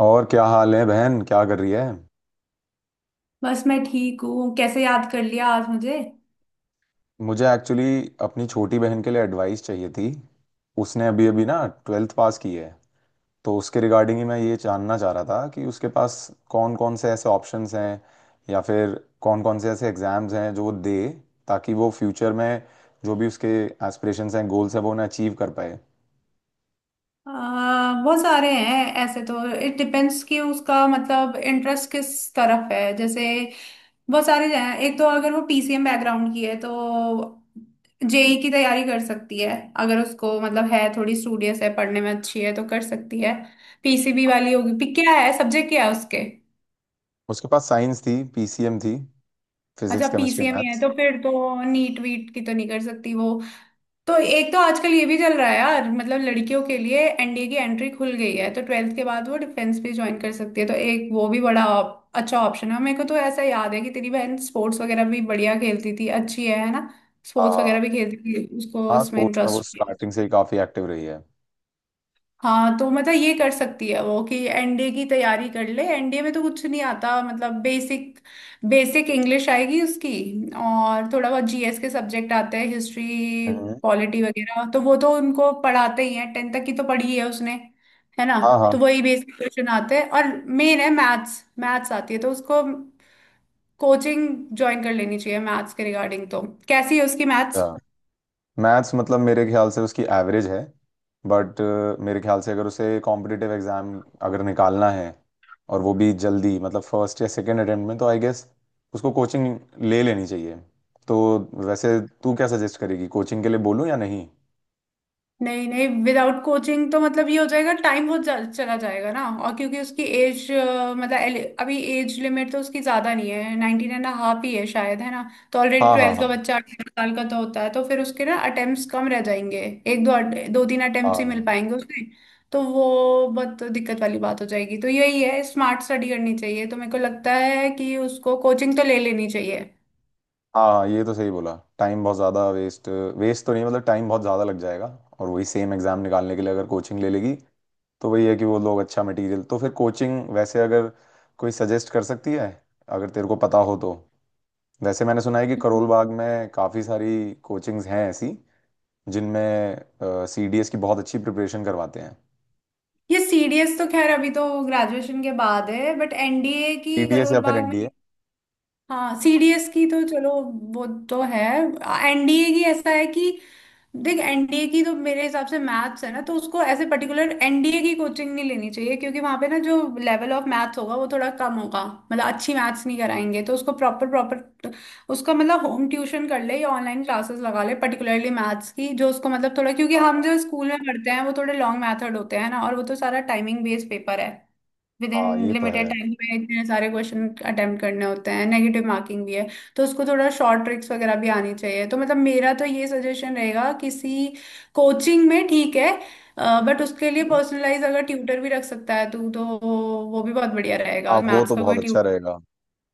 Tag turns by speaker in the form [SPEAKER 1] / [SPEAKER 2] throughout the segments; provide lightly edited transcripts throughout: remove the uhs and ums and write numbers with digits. [SPEAKER 1] और क्या हाल है बहन, क्या कर रही है?
[SPEAKER 2] बस मैं ठीक हूँ। कैसे याद कर लिया आज मुझे?
[SPEAKER 1] मुझे एक्चुअली अपनी छोटी बहन के लिए एडवाइस चाहिए थी। उसने अभी अभी ना 12th पास की है। तो उसके रिगार्डिंग ही मैं ये जानना चाह रहा था कि उसके पास कौन कौन से ऐसे ऑप्शंस हैं, या फिर कौन कौन से ऐसे एग्ज़ाम्स हैं जो वो दे, ताकि वो फ्यूचर में जो भी उसके एस्पिरेशंस हैं, गोल्स हैं, वो उन्हें अचीव कर पाए।
[SPEAKER 2] अ, बहुत सारे हैं ऐसे तो। इट डिपेंड्स कि उसका मतलब इंटरेस्ट किस तरफ है। जैसे बहुत सारे हैं, एक तो अगर वो पीसीएम बैकग्राउंड की है तो जेई की तैयारी कर सकती है। अगर उसको मतलब है, थोड़ी स्टूडियस है, पढ़ने में अच्छी है तो कर सकती है। पीसीबी वाली होगी? पी क्या है, सब्जेक्ट क्या है उसके?
[SPEAKER 1] उसके पास साइंस थी, पीसीएम थी,
[SPEAKER 2] अच्छा,
[SPEAKER 1] फिजिक्स, केमिस्ट्री,
[SPEAKER 2] पीसीएम ही है
[SPEAKER 1] मैथ्स।
[SPEAKER 2] तो फिर तो नीट वीट की तो नहीं कर सकती वो। तो एक तो आजकल ये भी चल रहा है यार, मतलब लड़कियों के लिए एनडीए की एंट्री खुल गई है तो ट्वेल्थ के बाद वो डिफेंस भी ज्वाइन कर सकती है, तो एक वो भी बड़ा अच्छा ऑप्शन है। मेरे को तो ऐसा याद है कि तेरी बहन स्पोर्ट्स वगैरह भी बढ़िया खेलती थी, अच्छी है ना?
[SPEAKER 1] हाँ,
[SPEAKER 2] स्पोर्ट्स
[SPEAKER 1] हाँ,
[SPEAKER 2] वगैरह भी खेलती थी, उसको
[SPEAKER 1] हाँ।
[SPEAKER 2] उसमें
[SPEAKER 1] स्पोर्ट्स में वो
[SPEAKER 2] इंटरेस्ट?
[SPEAKER 1] स्टार्टिंग से ही काफ़ी एक्टिव रही है।
[SPEAKER 2] हाँ तो मतलब ये कर सकती है वो, कि एनडीए की तैयारी कर ले। एनडीए में तो कुछ नहीं आता, मतलब बेसिक बेसिक इंग्लिश आएगी उसकी। और थोड़ा बहुत जीएस के सब्जेक्ट आते हैं, हिस्ट्री
[SPEAKER 1] हम्म,
[SPEAKER 2] पॉलिटी वगैरह, तो वो तो उनको पढ़ाते ही हैं, टेंथ तक की तो पढ़ी है उसने, है ना।
[SPEAKER 1] हाँ,
[SPEAKER 2] तो वही बेसिक क्वेश्चन आते हैं और मेन है मैथ्स। मैथ्स आती है तो उसको कोचिंग ज्वाइन कर लेनी चाहिए मैथ्स के रिगार्डिंग। तो कैसी है उसकी मैथ्स?
[SPEAKER 1] हाँ। मैथ्स मतलब मेरे ख्याल से उसकी एवरेज है, बट मेरे ख्याल से अगर उसे कॉम्पिटिटिव एग्जाम अगर निकालना है, और वो भी जल्दी, मतलब फर्स्ट या सेकेंड अटेम्प्ट में, तो आई गेस उसको कोचिंग ले लेनी चाहिए। तो वैसे तू क्या सजेस्ट करेगी, कोचिंग के लिए बोलूँ या नहीं?
[SPEAKER 2] नहीं नहीं, विदाउट कोचिंग तो मतलब ये हो जाएगा, टाइम बहुत चला जाएगा ना। और क्योंकि उसकी एज, मतलब अभी एज लिमिट तो उसकी ज्यादा नहीं है, नाइनटीन एंड हाफ ही है शायद, है ना। तो ऑलरेडी
[SPEAKER 1] हाँ, हाँ,
[SPEAKER 2] ट्वेल्थ का
[SPEAKER 1] हाँ,
[SPEAKER 2] बच्चा 18 साल का तो होता है, तो फिर उसके ना अटेम्प्ट्स कम रह जाएंगे। एक दो दो तीन अटेम्प्ट्स ही मिल
[SPEAKER 1] हाँ,
[SPEAKER 2] पाएंगे उसके। तो वो बहुत दिक्कत वाली बात हो जाएगी। तो यही है, स्मार्ट स्टडी करनी चाहिए। तो मेरे को लगता है कि उसको कोचिंग तो ले लेनी चाहिए।
[SPEAKER 1] हाँ, ये तो सही बोला। टाइम बहुत ज़्यादा वेस्ट, वेस्ट तो नहीं, मतलब टाइम बहुत ज़्यादा लग जाएगा। और वही सेम एग्ज़ाम निकालने के लिए अगर कोचिंग ले लेगी, तो वही है कि वो लोग अच्छा मटेरियल, तो फिर कोचिंग वैसे अगर कोई सजेस्ट कर सकती है, अगर तेरे को पता हो तो। वैसे मैंने सुना है कि करोल बाग में काफ़ी सारी कोचिंग्स हैं ऐसी, जिनमें सी डी एस की बहुत अच्छी प्रिपरेशन करवाते हैं।
[SPEAKER 2] ये सीडीएस तो खैर अभी तो ग्रेजुएशन के बाद है, बट एनडीए
[SPEAKER 1] सी
[SPEAKER 2] की
[SPEAKER 1] डी एस
[SPEAKER 2] करोल
[SPEAKER 1] या फिर
[SPEAKER 2] बाग
[SPEAKER 1] एन डी
[SPEAKER 2] में।
[SPEAKER 1] ए?
[SPEAKER 2] हाँ सीडीएस की तो चलो, वो तो है। एनडीए की ऐसा है कि, देख, एनडीए की तो मेरे हिसाब से मैथ्स है ना, तो उसको ऐसे पर्टिकुलर एनडीए की कोचिंग नहीं लेनी चाहिए, क्योंकि वहां पे ना जो लेवल ऑफ मैथ्स होगा वो थोड़ा कम होगा। मतलब अच्छी मैथ्स नहीं कराएंगे तो उसको प्रॉपर प्रॉपर, उसका मतलब, होम ट्यूशन कर ले या ऑनलाइन क्लासेस लगा ले पर्टिकुलरली मैथ्स की। जो उसको मतलब थोड़ा, क्योंकि हम
[SPEAKER 1] हाँ,
[SPEAKER 2] जो स्कूल में पढ़ते हैं वो थोड़े लॉन्ग मैथड होते हैं ना, और वो तो सारा टाइमिंग बेस्ड पेपर है। विद इन
[SPEAKER 1] हाँ, ये तो है।
[SPEAKER 2] लिमिटेड टाइम में इतने सारे क्वेश्चन अटेम्प्ट करने होते हैं, नेगेटिव मार्किंग भी है। तो उसको थोड़ा शॉर्ट ट्रिक्स वगैरह भी आनी चाहिए। तो मतलब मेरा तो ये सजेशन रहेगा, किसी कोचिंग में ठीक है, बट उसके लिए
[SPEAKER 1] हम्म।
[SPEAKER 2] पर्सनलाइज अगर ट्यूटर भी रख सकता है तू तो वो भी बहुत बढ़िया रहेगा,
[SPEAKER 1] हाँ, वो
[SPEAKER 2] मैथ्स
[SPEAKER 1] तो
[SPEAKER 2] का
[SPEAKER 1] बहुत
[SPEAKER 2] कोई।
[SPEAKER 1] अच्छा रहेगा।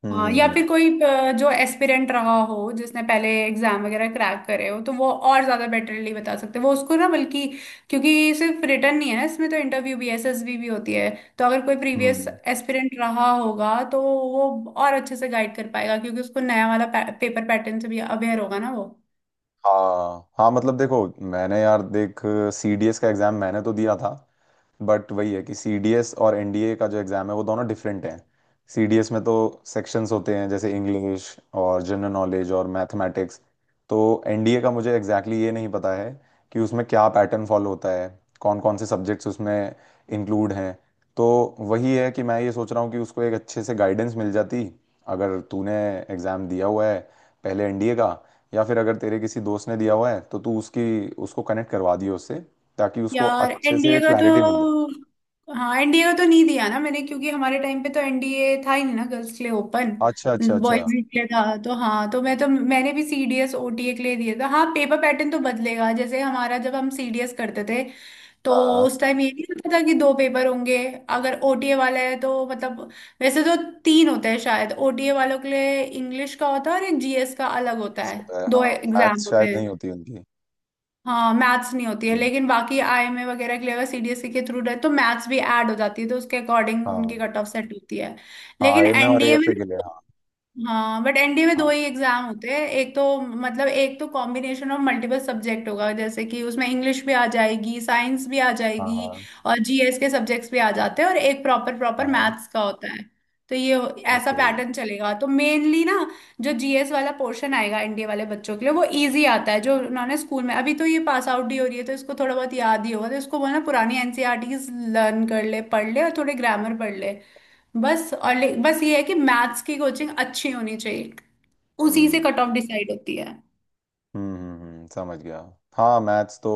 [SPEAKER 1] हम्म,
[SPEAKER 2] हाँ, या
[SPEAKER 1] हम्म,
[SPEAKER 2] फिर कोई जो एस्पिरेंट रहा हो, जिसने पहले एग्जाम वगैरह क्रैक करे हो, तो वो और ज्यादा बेटरली बता सकते हैं वो उसको, ना बल्कि। क्योंकि सिर्फ रिटर्न नहीं है ना इसमें, तो इंटरव्यू भी, एसएसबी भी होती है। तो अगर कोई
[SPEAKER 1] हम्म,
[SPEAKER 2] प्रीवियस एस्पिरेंट रहा होगा तो वो और अच्छे से गाइड कर पाएगा, क्योंकि उसको नया वाला पेपर पैटर्न से भी अवेयर होगा ना वो।
[SPEAKER 1] हाँ, हाँ, मतलब देखो, मैंने यार देख, सीडीएस का एग्जाम मैंने तो दिया था, बट वही है कि सीडीएस और एनडीए का जो एग्ज़ाम है वो दोनों डिफरेंट हैं। सीडीएस में तो सेक्शंस होते हैं, जैसे इंग्लिश और जनरल नॉलेज और मैथमेटिक्स। तो एनडीए का मुझे एग्जैक्टली exactly ये नहीं पता है कि उसमें क्या पैटर्न फॉलो होता है, कौन कौन से सब्जेक्ट्स उसमें इंक्लूड हैं। तो वही है कि मैं ये सोच रहा हूँ कि उसको एक अच्छे से गाइडेंस मिल जाती, अगर तूने एग्ज़ाम दिया हुआ है पहले एनडीए का, या फिर अगर तेरे किसी दोस्त ने दिया हुआ है तो तू उसकी उसको कनेक्ट करवा दियो उससे, ताकि उसको
[SPEAKER 2] यार
[SPEAKER 1] अच्छे से
[SPEAKER 2] एनडीए का
[SPEAKER 1] क्लैरिटी मिल जाए।
[SPEAKER 2] तो, हाँ, एनडीए का तो नहीं दिया ना मैंने, क्योंकि हमारे टाइम पे तो एनडीए था ही नहीं ना गर्ल्स के लिए ओपन,
[SPEAKER 1] अच्छा, अच्छा, अच्छा।
[SPEAKER 2] बॉयज के लिए था। तो हाँ, तो मैंने भी सीडीएस ओटीए के लिए दिया था। हाँ, पेपर पैटर्न तो बदलेगा। जैसे हमारा जब हम सीडीएस करते थे तो
[SPEAKER 1] हाँ,
[SPEAKER 2] उस टाइम ये नहीं होता था कि दो पेपर होंगे। अगर ओटीए वाला है तो मतलब, वैसे तो तीन होते हैं शायद ओटीए वालों के लिए, इंग्लिश का होता है और एक जीएस का अलग
[SPEAKER 1] ये
[SPEAKER 2] होता है,
[SPEAKER 1] सब है।
[SPEAKER 2] दो
[SPEAKER 1] हाँ,
[SPEAKER 2] एग्जाम
[SPEAKER 1] मैथ्स
[SPEAKER 2] होते
[SPEAKER 1] शायद नहीं
[SPEAKER 2] हैं।
[SPEAKER 1] होती उनकी।
[SPEAKER 2] हाँ मैथ्स नहीं होती है,
[SPEAKER 1] हम्म,
[SPEAKER 2] लेकिन बाकी आईएमए वगैरह के लिए अगर सीडीएसई के थ्रू रहे तो मैथ्स भी ऐड हो जाती है, तो उसके अकॉर्डिंग उनकी
[SPEAKER 1] हाँ,
[SPEAKER 2] कट ऑफ सेट होती है।
[SPEAKER 1] हाँ,
[SPEAKER 2] लेकिन
[SPEAKER 1] एम ए और
[SPEAKER 2] एनडीए में
[SPEAKER 1] एएफए के लिए, हाँ,
[SPEAKER 2] ना, हाँ, बट एनडीए में दो ही एग्जाम होते हैं। एक तो मतलब, एक तो कॉम्बिनेशन ऑफ मल्टीपल सब्जेक्ट होगा, जैसे कि उसमें इंग्लिश भी आ जाएगी, साइंस भी आ
[SPEAKER 1] हाँ,
[SPEAKER 2] जाएगी
[SPEAKER 1] हाँ,
[SPEAKER 2] और जीएस के सब्जेक्ट्स भी आ जाते हैं, और एक प्रॉपर प्रॉपर
[SPEAKER 1] हाँ, हाँ।
[SPEAKER 2] मैथ्स का होता है। तो ऐसा
[SPEAKER 1] ओके।
[SPEAKER 2] पैटर्न चलेगा तो मेनली ना, जो जीएस वाला पोर्शन आएगा एनडीए वाले बच्चों के लिए वो इजी आता है, जो उन्होंने स्कूल में, अभी तो ये पास आउट ही हो रही है तो इसको थोड़ा बहुत याद ही होगा। तो इसको बोलना पुरानी एनसीईआरटीज लर्न कर ले, पढ़ ले, और थोड़े ग्रामर पढ़ ले बस। और बस ये है कि मैथ्स की कोचिंग अच्छी होनी चाहिए। उसी से
[SPEAKER 1] हम्म,
[SPEAKER 2] कट ऑफ डिसाइड होती है।
[SPEAKER 1] हम्म, हम्म, समझ गया। हाँ, मैथ्स तो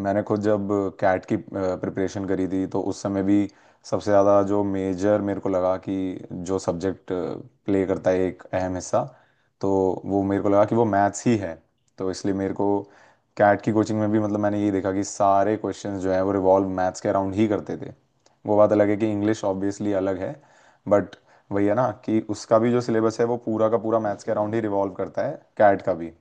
[SPEAKER 1] मैंने खुद जब कैट की प्रिपरेशन करी थी, तो उस समय भी सबसे ज़्यादा जो मेजर मेरे को लगा कि जो सब्जेक्ट प्ले करता है एक अहम हिस्सा, तो वो मेरे को लगा कि वो मैथ्स ही है। तो इसलिए मेरे को कैट की कोचिंग में भी, मतलब, मैंने ये देखा कि सारे क्वेश्चंस जो हैं वो रिवॉल्व मैथ्स के अराउंड ही करते थे। वो बात अलग है कि इंग्लिश ऑब्वियसली अलग है, बट वही है ना कि उसका भी जो सिलेबस है वो पूरा का पूरा मैथ्स के अराउंड ही रिवॉल्व करता है, कैट का भी।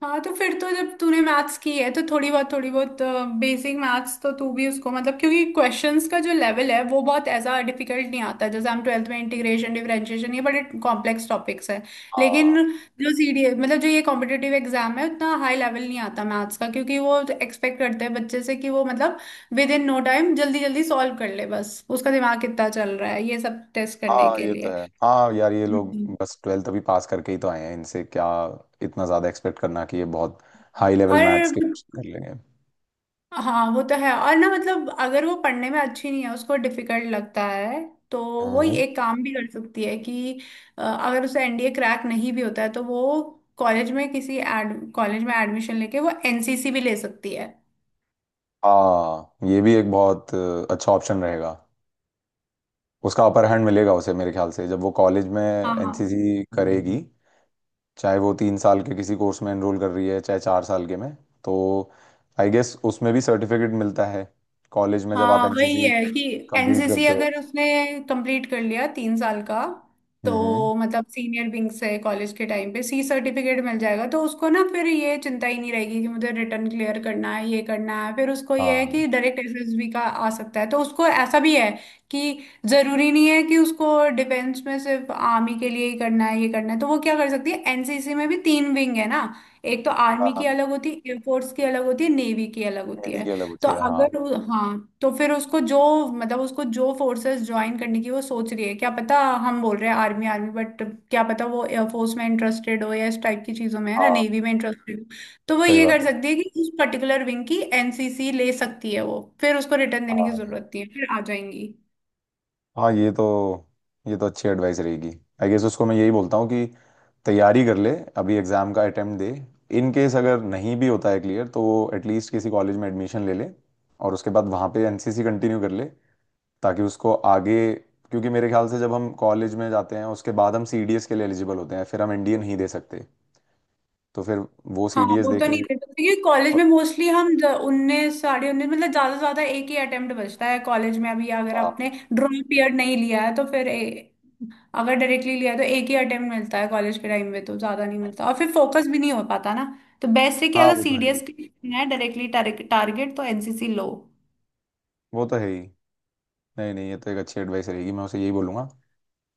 [SPEAKER 2] हाँ तो फिर तो जब तूने मैथ्स की है तो थोड़ी बहुत बेसिक मैथ्स तो तू भी उसको, मतलब, क्योंकि क्वेश्चंस का जो लेवल है वो बहुत ऐसा डिफिकल्ट नहीं आता। जैसे हम ट्वेल्थ में इंटीग्रेशन, डिफरेंशिएशन, ये बड़े कॉम्प्लेक्स टॉपिक्स हैं, लेकिन
[SPEAKER 1] हाँ,
[SPEAKER 2] जो सीडी मतलब जो ये कॉम्पिटिटिव एग्जाम है, उतना हाई लेवल नहीं आता मैथ्स का, क्योंकि वो एक्सपेक्ट करते हैं बच्चे से कि वो मतलब विद इन नो टाइम जल्दी जल्दी सॉल्व कर ले, बस उसका दिमाग कितना चल रहा है ये सब टेस्ट करने
[SPEAKER 1] हाँ,
[SPEAKER 2] के
[SPEAKER 1] ये तो
[SPEAKER 2] लिए।
[SPEAKER 1] है। हाँ यार, ये लोग
[SPEAKER 2] हम्म।
[SPEAKER 1] बस 12th अभी पास करके ही तो आए हैं, इनसे क्या इतना ज़्यादा एक्सपेक्ट करना कि ये बहुत हाई लेवल मैथ्स
[SPEAKER 2] और
[SPEAKER 1] के क्वेश्चन कर लेंगे।
[SPEAKER 2] हाँ, वो तो है। और ना, मतलब अगर वो पढ़ने में अच्छी नहीं है, उसको डिफिकल्ट लगता है, तो वो
[SPEAKER 1] हम्म।
[SPEAKER 2] ये एक काम भी कर सकती है कि अगर उसे एनडीए क्रैक नहीं भी होता है तो वो कॉलेज में, किसी एड कॉलेज में एडमिशन लेके वो एनसीसी भी ले सकती है।
[SPEAKER 1] हाँ, ये भी एक बहुत अच्छा ऑप्शन रहेगा। उसका अपर हैंड मिलेगा उसे मेरे ख्याल से, जब वो कॉलेज में
[SPEAKER 2] हाँ
[SPEAKER 1] एनसीसी करेगी, चाहे वो 3 साल के किसी कोर्स में एनरोल कर रही है, चाहे 4 साल के में। तो आई गेस उसमें भी सर्टिफिकेट मिलता है कॉलेज में जब आप
[SPEAKER 2] हाँ, वही
[SPEAKER 1] एनसीसी
[SPEAKER 2] है कि
[SPEAKER 1] कंप्लीट
[SPEAKER 2] एनसीसी
[SPEAKER 1] करते हो।
[SPEAKER 2] अगर उसने कंप्लीट कर लिया 3 साल का,
[SPEAKER 1] हम्म।
[SPEAKER 2] तो मतलब सीनियर विंग से कॉलेज के टाइम पे सी सर्टिफिकेट मिल जाएगा, तो उसको ना फिर ये चिंता ही नहीं रहेगी कि मुझे रिटर्न क्लियर करना है, ये करना है। फिर उसको ये है
[SPEAKER 1] हाँ,
[SPEAKER 2] कि डायरेक्ट एसएसबी का आ सकता है। तो उसको ऐसा भी है कि जरूरी नहीं है कि उसको डिफेंस में सिर्फ आर्मी के लिए ही करना है, ये करना है। तो वो क्या कर सकती है, एनसीसी में भी तीन विंग है ना। एक तो आर्मी
[SPEAKER 1] हाँ,
[SPEAKER 2] की अलग होती है, एयरफोर्स की अलग होती है, नेवी की अलग होती
[SPEAKER 1] मेरी
[SPEAKER 2] है।
[SPEAKER 1] की अलग
[SPEAKER 2] तो
[SPEAKER 1] होती है, हाँ।
[SPEAKER 2] अगर उ- हाँ, तो फिर उसको जो, मतलब उसको जो फोर्सेस ज्वाइन करने की वो सोच रही है, क्या पता। हम बोल रहे हैं आर्मी आर्मी, बट क्या पता वो एयरफोर्स में इंटरेस्टेड हो या इस टाइप की चीजों में, है ना,
[SPEAKER 1] हाँ,
[SPEAKER 2] नेवी में इंटरेस्टेड हो। तो वो
[SPEAKER 1] सही
[SPEAKER 2] ये
[SPEAKER 1] बात
[SPEAKER 2] कर
[SPEAKER 1] है।
[SPEAKER 2] सकती है कि उस पर्टिकुलर विंग की एनसीसी ले सकती है वो, फिर उसको रिटर्न देने की
[SPEAKER 1] हाँ,
[SPEAKER 2] जरूरत नहीं है, फिर आ जाएंगी।
[SPEAKER 1] हाँ, ये तो अच्छी एडवाइस रहेगी। आई गेस उसको मैं यही बोलता हूँ कि तैयारी कर ले, अभी एग्जाम का अटेम्प्ट दे, इन केस अगर नहीं भी होता है क्लियर, तो वो एटलीस्ट किसी कॉलेज में एडमिशन ले ले, और उसके बाद वहाँ पे एनसीसी कंटिन्यू कर ले, ताकि उसको आगे, क्योंकि मेरे ख्याल से जब हम कॉलेज में जाते हैं उसके बाद हम सीडीएस के लिए एलिजिबल होते हैं, फिर हम एनडीए नहीं दे सकते, तो फिर वो
[SPEAKER 2] हाँ
[SPEAKER 1] सीडीएस
[SPEAKER 2] वो
[SPEAKER 1] दे
[SPEAKER 2] तो नहीं
[SPEAKER 1] के।
[SPEAKER 2] देते, क्योंकि कॉलेज में मोस्टली हम 19, 19.5, मतलब ज्यादा से ज्यादा एक ही अटेम्प्ट बचता है कॉलेज में अभी, अगर
[SPEAKER 1] हाँ,
[SPEAKER 2] आपने ड्रॉप ईयर नहीं लिया है तो फिर अगर डायरेक्टली लिया तो एक ही अटेम्प्ट मिलता है कॉलेज के टाइम में, तो ज्यादा नहीं मिलता और फिर फोकस भी नहीं हो पाता ना। तो बेस्ट है कि
[SPEAKER 1] हाँ,
[SPEAKER 2] अगर
[SPEAKER 1] वो तो है ही
[SPEAKER 2] सीडीएस है डायरेक्टली टारगेट तो एनसीसी लो।
[SPEAKER 1] वो तो है ही नहीं, नहीं, ये तो एक अच्छी एडवाइस रहेगी, मैं उसे यही बोलूंगा।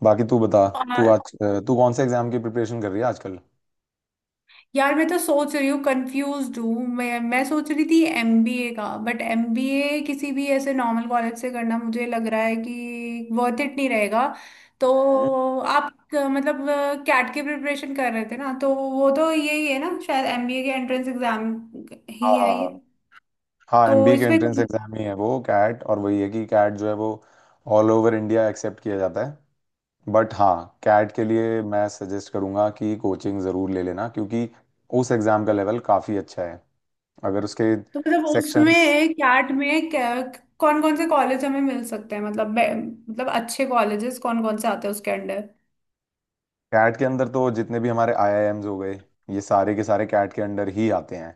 [SPEAKER 1] बाकी तू बता, तू
[SPEAKER 2] और
[SPEAKER 1] आज तू कौन से एग्जाम की प्रिपरेशन कर रही है आजकल?
[SPEAKER 2] यार, मैं तो सोच रही हूँ, कंफ्यूज हूँ मैं सोच रही थी एमबीए का, बट एमबीए किसी भी ऐसे नॉर्मल कॉलेज से करना मुझे लग रहा है कि वर्थ इट नहीं रहेगा।
[SPEAKER 1] हम्म,
[SPEAKER 2] तो आप मतलब कैट की प्रिपरेशन कर रहे थे ना, तो वो तो यही है ना शायद, एमबीए के एंट्रेंस एग्जाम
[SPEAKER 1] हाँ,
[SPEAKER 2] ही
[SPEAKER 1] हाँ,
[SPEAKER 2] है ये।
[SPEAKER 1] हाँ। हाँ,
[SPEAKER 2] तो
[SPEAKER 1] एमबीए के
[SPEAKER 2] इसमें,
[SPEAKER 1] एंट्रेंस एग्जाम ही है वो कैट, और वही है कि कैट जो है वो ऑल ओवर इंडिया एक्सेप्ट किया जाता है। बट हाँ, कैट के लिए मैं सजेस्ट करूँगा कि कोचिंग ज़रूर ले लेना, क्योंकि उस एग्ज़ाम का लेवल काफ़ी अच्छा है। अगर उसके
[SPEAKER 2] तो मतलब
[SPEAKER 1] सेक्शंस,
[SPEAKER 2] उसमें, कैट में कौन कौन से कॉलेज हमें मिल सकते हैं, मतलब मतलब अच्छे कॉलेजेस कौन कौन से आते हैं उसके अंडर?
[SPEAKER 1] कैट के अंदर तो जितने भी हमारे आईआईएम्स हो गए, ये सारे के सारे कैट के अंडर ही आते हैं।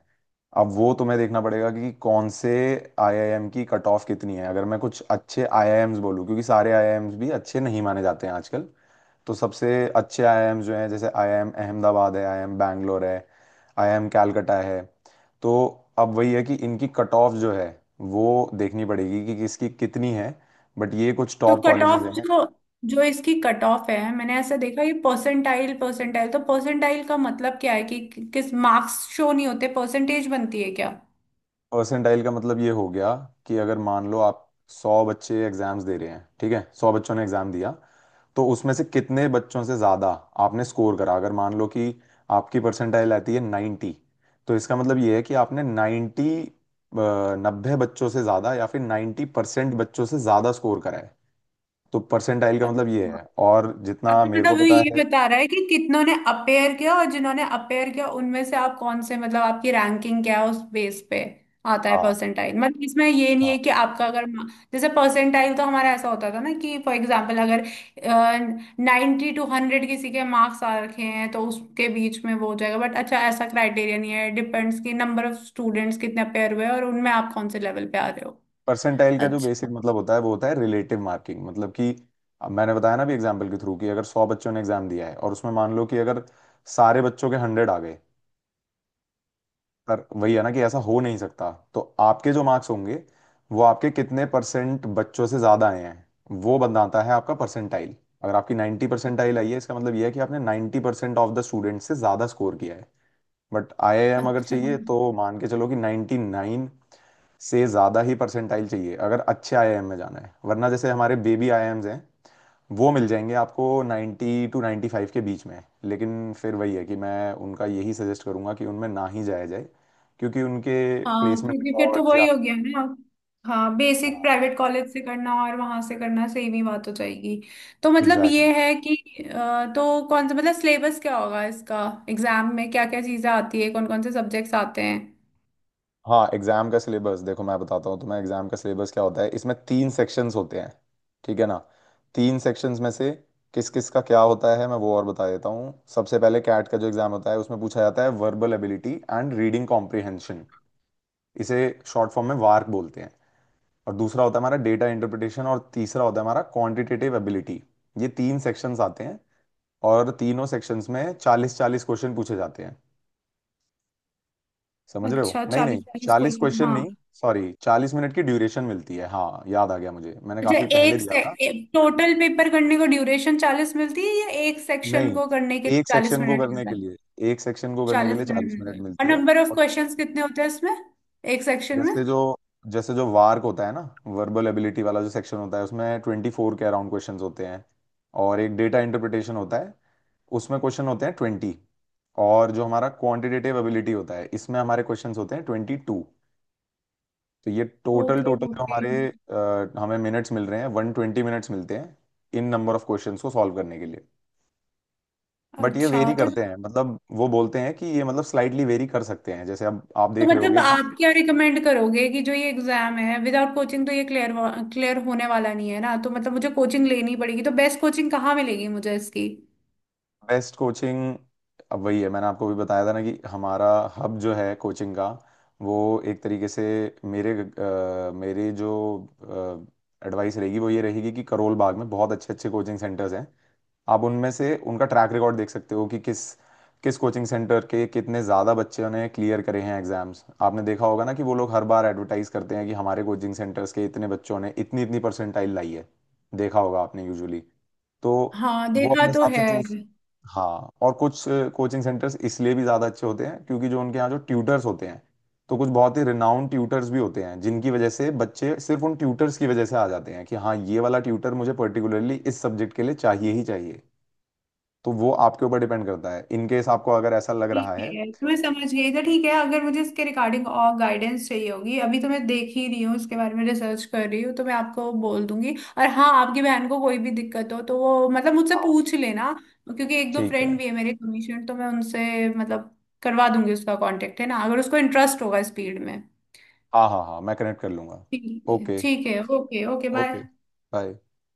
[SPEAKER 1] अब वो तुम्हें देखना पड़ेगा कि कौन से आईआईएम की कट ऑफ कितनी है। अगर मैं कुछ अच्छे आईआईएम्स बोलूँ, क्योंकि सारे आईआईएम्स भी अच्छे नहीं माने जाते हैं आजकल, तो सबसे अच्छे आईआईएम्स जो हैं, जैसे आईआईएम अहमदाबाद है, आईआईएम बैंगलोर है, आईआईएम कैलकटा है, तो अब वही है कि इनकी कट ऑफ जो है वो देखनी पड़ेगी कि किसकी कितनी है, बट ये कुछ
[SPEAKER 2] तो
[SPEAKER 1] टॉप
[SPEAKER 2] कट
[SPEAKER 1] कॉलेजेस
[SPEAKER 2] ऑफ,
[SPEAKER 1] हैं।
[SPEAKER 2] जो जो इसकी कट ऑफ है मैंने ऐसा देखा, ये परसेंटाइल परसेंटाइल, तो परसेंटाइल का मतलब क्या है किस मार्क्स शो नहीं होते, परसेंटेज बनती है क्या?
[SPEAKER 1] परसेंटाइल का मतलब ये हो गया कि, अगर मान लो आप 100 बच्चे एग्जाम्स दे रहे हैं, ठीक है, 100 बच्चों ने एग्जाम दिया, तो उसमें से कितने बच्चों से ज्यादा आपने स्कोर करा। अगर मान लो कि आपकी परसेंटाइल आती है 90, तो इसका मतलब ये है कि आपने 90, 90 बच्चों से ज्यादा, या फिर 90% बच्चों से ज्यादा स्कोर करा है। तो परसेंटाइल का मतलब ये है, और जितना
[SPEAKER 2] अभी
[SPEAKER 1] मेरे
[SPEAKER 2] मतलब
[SPEAKER 1] को
[SPEAKER 2] वो
[SPEAKER 1] पता
[SPEAKER 2] ये
[SPEAKER 1] है,
[SPEAKER 2] बता रहा है कि कितनों ने अपेयर किया, और जिन्होंने अपेयर किया उनमें से आप कौन से, मतलब आपकी रैंकिंग क्या है उस बेस पे आता है
[SPEAKER 1] हाँ,
[SPEAKER 2] परसेंटाइल, मतलब इसमें ये नहीं
[SPEAKER 1] हाँ,
[SPEAKER 2] है कि आपका अगर मा- जैसे परसेंटाइल तो हमारा ऐसा होता था ना कि फॉर एग्जांपल अगर 90-100 किसी के मार्क्स आ रखे हैं तो उसके बीच में वो हो जाएगा, बट अच्छा ऐसा क्राइटेरिया नहीं है, डिपेंड्स कि नंबर ऑफ स्टूडेंट्स कितने अपेयर हुए और उनमें आप कौन से लेवल पे आ रहे हो।
[SPEAKER 1] परसेंटाइल का जो
[SPEAKER 2] अच्छा।
[SPEAKER 1] बेसिक मतलब होता है वो होता है रिलेटिव मार्किंग, मतलब कि, अब मैंने बताया ना भी एग्जाम्पल के थ्रू, कि अगर 100 बच्चों ने एग्जाम दिया है और उसमें मान लो कि अगर सारे बच्चों के 100 आ गए, पर वही है ना कि ऐसा हो नहीं सकता, तो आपके जो मार्क्स होंगे वो आपके कितने परसेंट बच्चों से ज्यादा आए हैं, वो बनाता है आपका परसेंटाइल। अगर आपकी 90 परसेंटाइल आई है, इसका मतलब ये है कि आपने 90% ऑफ द स्टूडेंट से ज्यादा स्कोर किया है। बट आईआईएम अगर
[SPEAKER 2] अच्छा
[SPEAKER 1] चाहिए तो मान के चलो कि 99 से ज़्यादा ही परसेंटाइल चाहिए, अगर अच्छे आईआईएम में जाना है, वरना जैसे हमारे बेबी आईआईएम्स हैं वो मिल जाएंगे आपको 90 टू 95 के बीच में। लेकिन फिर वही है कि मैं उनका यही सजेस्ट करूंगा कि उनमें ना ही जाया जाए, क्योंकि उनके
[SPEAKER 2] हाँ
[SPEAKER 1] प्लेसमेंट
[SPEAKER 2] क्योंकि फिर तो
[SPEAKER 1] रिकॉर्ड्स या,
[SPEAKER 2] वही हो गया ना, हाँ, बेसिक
[SPEAKER 1] हाँ,
[SPEAKER 2] प्राइवेट कॉलेज से करना और वहां से करना सेम ही बात हो जाएगी। तो मतलब ये
[SPEAKER 1] एग्जैक्टली।
[SPEAKER 2] है कि, तो कौन सा, मतलब सिलेबस क्या होगा इसका, एग्जाम में क्या क्या चीजें आती है, कौन कौन से सब्जेक्ट्स आते हैं?
[SPEAKER 1] हाँ, एग्जाम का सिलेबस देखो, मैं बताता हूँ तुम्हें एग्जाम का सिलेबस क्या होता है। इसमें तीन सेक्शंस होते हैं, ठीक है ना? तीन सेक्शंस में से किस किस का क्या होता है मैं वो और बता देता हूँ। सबसे पहले, कैट का जो एग्जाम होता है उसमें पूछा जाता है verbal ability and reading comprehension, इसे शॉर्ट फॉर्म में वार्क बोलते हैं। और दूसरा होता है हमारा डेटा इंटरप्रिटेशन, और तीसरा होता है हमारा क्वांटिटेटिव एबिलिटी। ये तीन सेक्शंस आते हैं, और तीनों सेक्शंस में 40 40 क्वेश्चन पूछे जाते हैं। समझ रहे हो?
[SPEAKER 2] अच्छा,
[SPEAKER 1] नहीं, नहीं,
[SPEAKER 2] चालीस चालीस
[SPEAKER 1] 40
[SPEAKER 2] क्वेश्चन
[SPEAKER 1] क्वेश्चन
[SPEAKER 2] हाँ।
[SPEAKER 1] नहीं, सॉरी, 40 मिनट की ड्यूरेशन मिलती है, हाँ, याद आ गया मुझे, मैंने
[SPEAKER 2] अच्छा,
[SPEAKER 1] काफी पहले
[SPEAKER 2] एक
[SPEAKER 1] दिया
[SPEAKER 2] से
[SPEAKER 1] था।
[SPEAKER 2] टोटल पेपर करने को ड्यूरेशन चालीस मिलती है या एक सेक्शन
[SPEAKER 1] नहीं,
[SPEAKER 2] को करने के लिए
[SPEAKER 1] एक
[SPEAKER 2] चालीस
[SPEAKER 1] सेक्शन को
[SPEAKER 2] मिनट
[SPEAKER 1] करने
[SPEAKER 2] मिलता
[SPEAKER 1] के
[SPEAKER 2] है?
[SPEAKER 1] लिए, एक सेक्शन को करने के
[SPEAKER 2] चालीस
[SPEAKER 1] लिए
[SPEAKER 2] मिनट
[SPEAKER 1] 40 मिनट
[SPEAKER 2] मिलता है, और
[SPEAKER 1] मिलती है।
[SPEAKER 2] नंबर ऑफ
[SPEAKER 1] और
[SPEAKER 2] क्वेश्चंस कितने होते हैं इसमें एक सेक्शन में?
[SPEAKER 1] जैसे जो, वार्क होता है ना, वर्बल एबिलिटी वाला जो सेक्शन होता है, उसमें 24 के अराउंड क्वेश्चंस होते हैं। और एक डेटा इंटरप्रिटेशन होता है, उसमें क्वेश्चन होते हैं 20। और जो हमारा क्वांटिटेटिव एबिलिटी होता है, इसमें हमारे क्वेश्चंस होते हैं 22। तो ये टोटल,
[SPEAKER 2] ओके
[SPEAKER 1] जो
[SPEAKER 2] ओके।
[SPEAKER 1] हमारे हमें मिनट्स मिल रहे हैं, 120 मिनट्स मिलते हैं इन नंबर ऑफ क्वेश्चंस को सॉल्व करने के लिए। बट ये
[SPEAKER 2] अच्छा
[SPEAKER 1] वेरी
[SPEAKER 2] तो
[SPEAKER 1] करते हैं, मतलब वो बोलते हैं कि ये, मतलब, स्लाइटली वेरी कर सकते हैं, जैसे अब आप
[SPEAKER 2] तो
[SPEAKER 1] देख रहे
[SPEAKER 2] मतलब
[SPEAKER 1] होगे कि,
[SPEAKER 2] आप क्या रिकमेंड करोगे कि जो ये एग्जाम है विदाउट कोचिंग तो ये क्लियर क्लियर होने वाला नहीं है ना, तो मतलब मुझे कोचिंग लेनी पड़ेगी, तो बेस्ट कोचिंग कहाँ मिलेगी मुझे इसकी?
[SPEAKER 1] बेस्ट कोचिंग, अब वही है, मैंने आपको भी बताया था ना कि हमारा हब जो है कोचिंग का, वो एक तरीके से, मेरे जो एडवाइस रहेगी वो ये रहेगी कि करोल बाग में बहुत अच्छे अच्छे कोचिंग सेंटर्स हैं। आप उनमें से उनका ट्रैक रिकॉर्ड देख सकते हो कि किस किस कोचिंग सेंटर के कितने ज़्यादा बच्चों ने क्लियर करे हैं एग्जाम्स, आपने देखा होगा ना कि वो लोग हर बार एडवर्टाइज करते हैं कि हमारे कोचिंग सेंटर्स के इतने बच्चों ने इतनी इतनी परसेंटाइल लाई है, देखा होगा आपने यूजुअली। तो
[SPEAKER 2] हाँ
[SPEAKER 1] वो
[SPEAKER 2] देखा
[SPEAKER 1] अपने
[SPEAKER 2] तो
[SPEAKER 1] हिसाब से
[SPEAKER 2] है।
[SPEAKER 1] चूज, हाँ, और कुछ कोचिंग सेंटर्स इसलिए भी ज़्यादा अच्छे होते हैं क्योंकि जो उनके यहाँ जो ट्यूटर्स होते हैं, तो कुछ बहुत ही रिनाउंड ट्यूटर्स भी होते हैं, जिनकी वजह से बच्चे सिर्फ उन ट्यूटर्स की वजह से आ जाते हैं कि हाँ, ये वाला ट्यूटर मुझे पर्टिकुलरली इस सब्जेक्ट के लिए चाहिए ही चाहिए। तो वो आपके ऊपर डिपेंड करता है, इन केस आपको अगर ऐसा लग रहा
[SPEAKER 2] ठीक
[SPEAKER 1] है।
[SPEAKER 2] है, तुम्हें समझ गई, तो ठीक है। अगर मुझे इसके रिगार्डिंग और गाइडेंस चाहिए होगी, अभी तो मैं देख ही रही हूँ इसके बारे में, रिसर्च कर रही हूँ, तो मैं आपको बोल दूंगी। और हाँ, आपकी बहन को कोई भी दिक्कत हो तो वो मतलब मुझसे
[SPEAKER 1] हाँ,
[SPEAKER 2] पूछ लेना, क्योंकि एक दो
[SPEAKER 1] ठीक है,
[SPEAKER 2] फ्रेंड भी है मेरे कमीशन, तो मैं उनसे मतलब करवा दूंगी, उसका कांटेक्ट है ना, अगर उसको इंटरेस्ट होगा इस फील्ड में।
[SPEAKER 1] हाँ, हाँ, हाँ, मैं कनेक्ट कर लूंगा।
[SPEAKER 2] ठीक है
[SPEAKER 1] ओके,
[SPEAKER 2] ठीक है। Okay okay. Bye.
[SPEAKER 1] Okay, bye.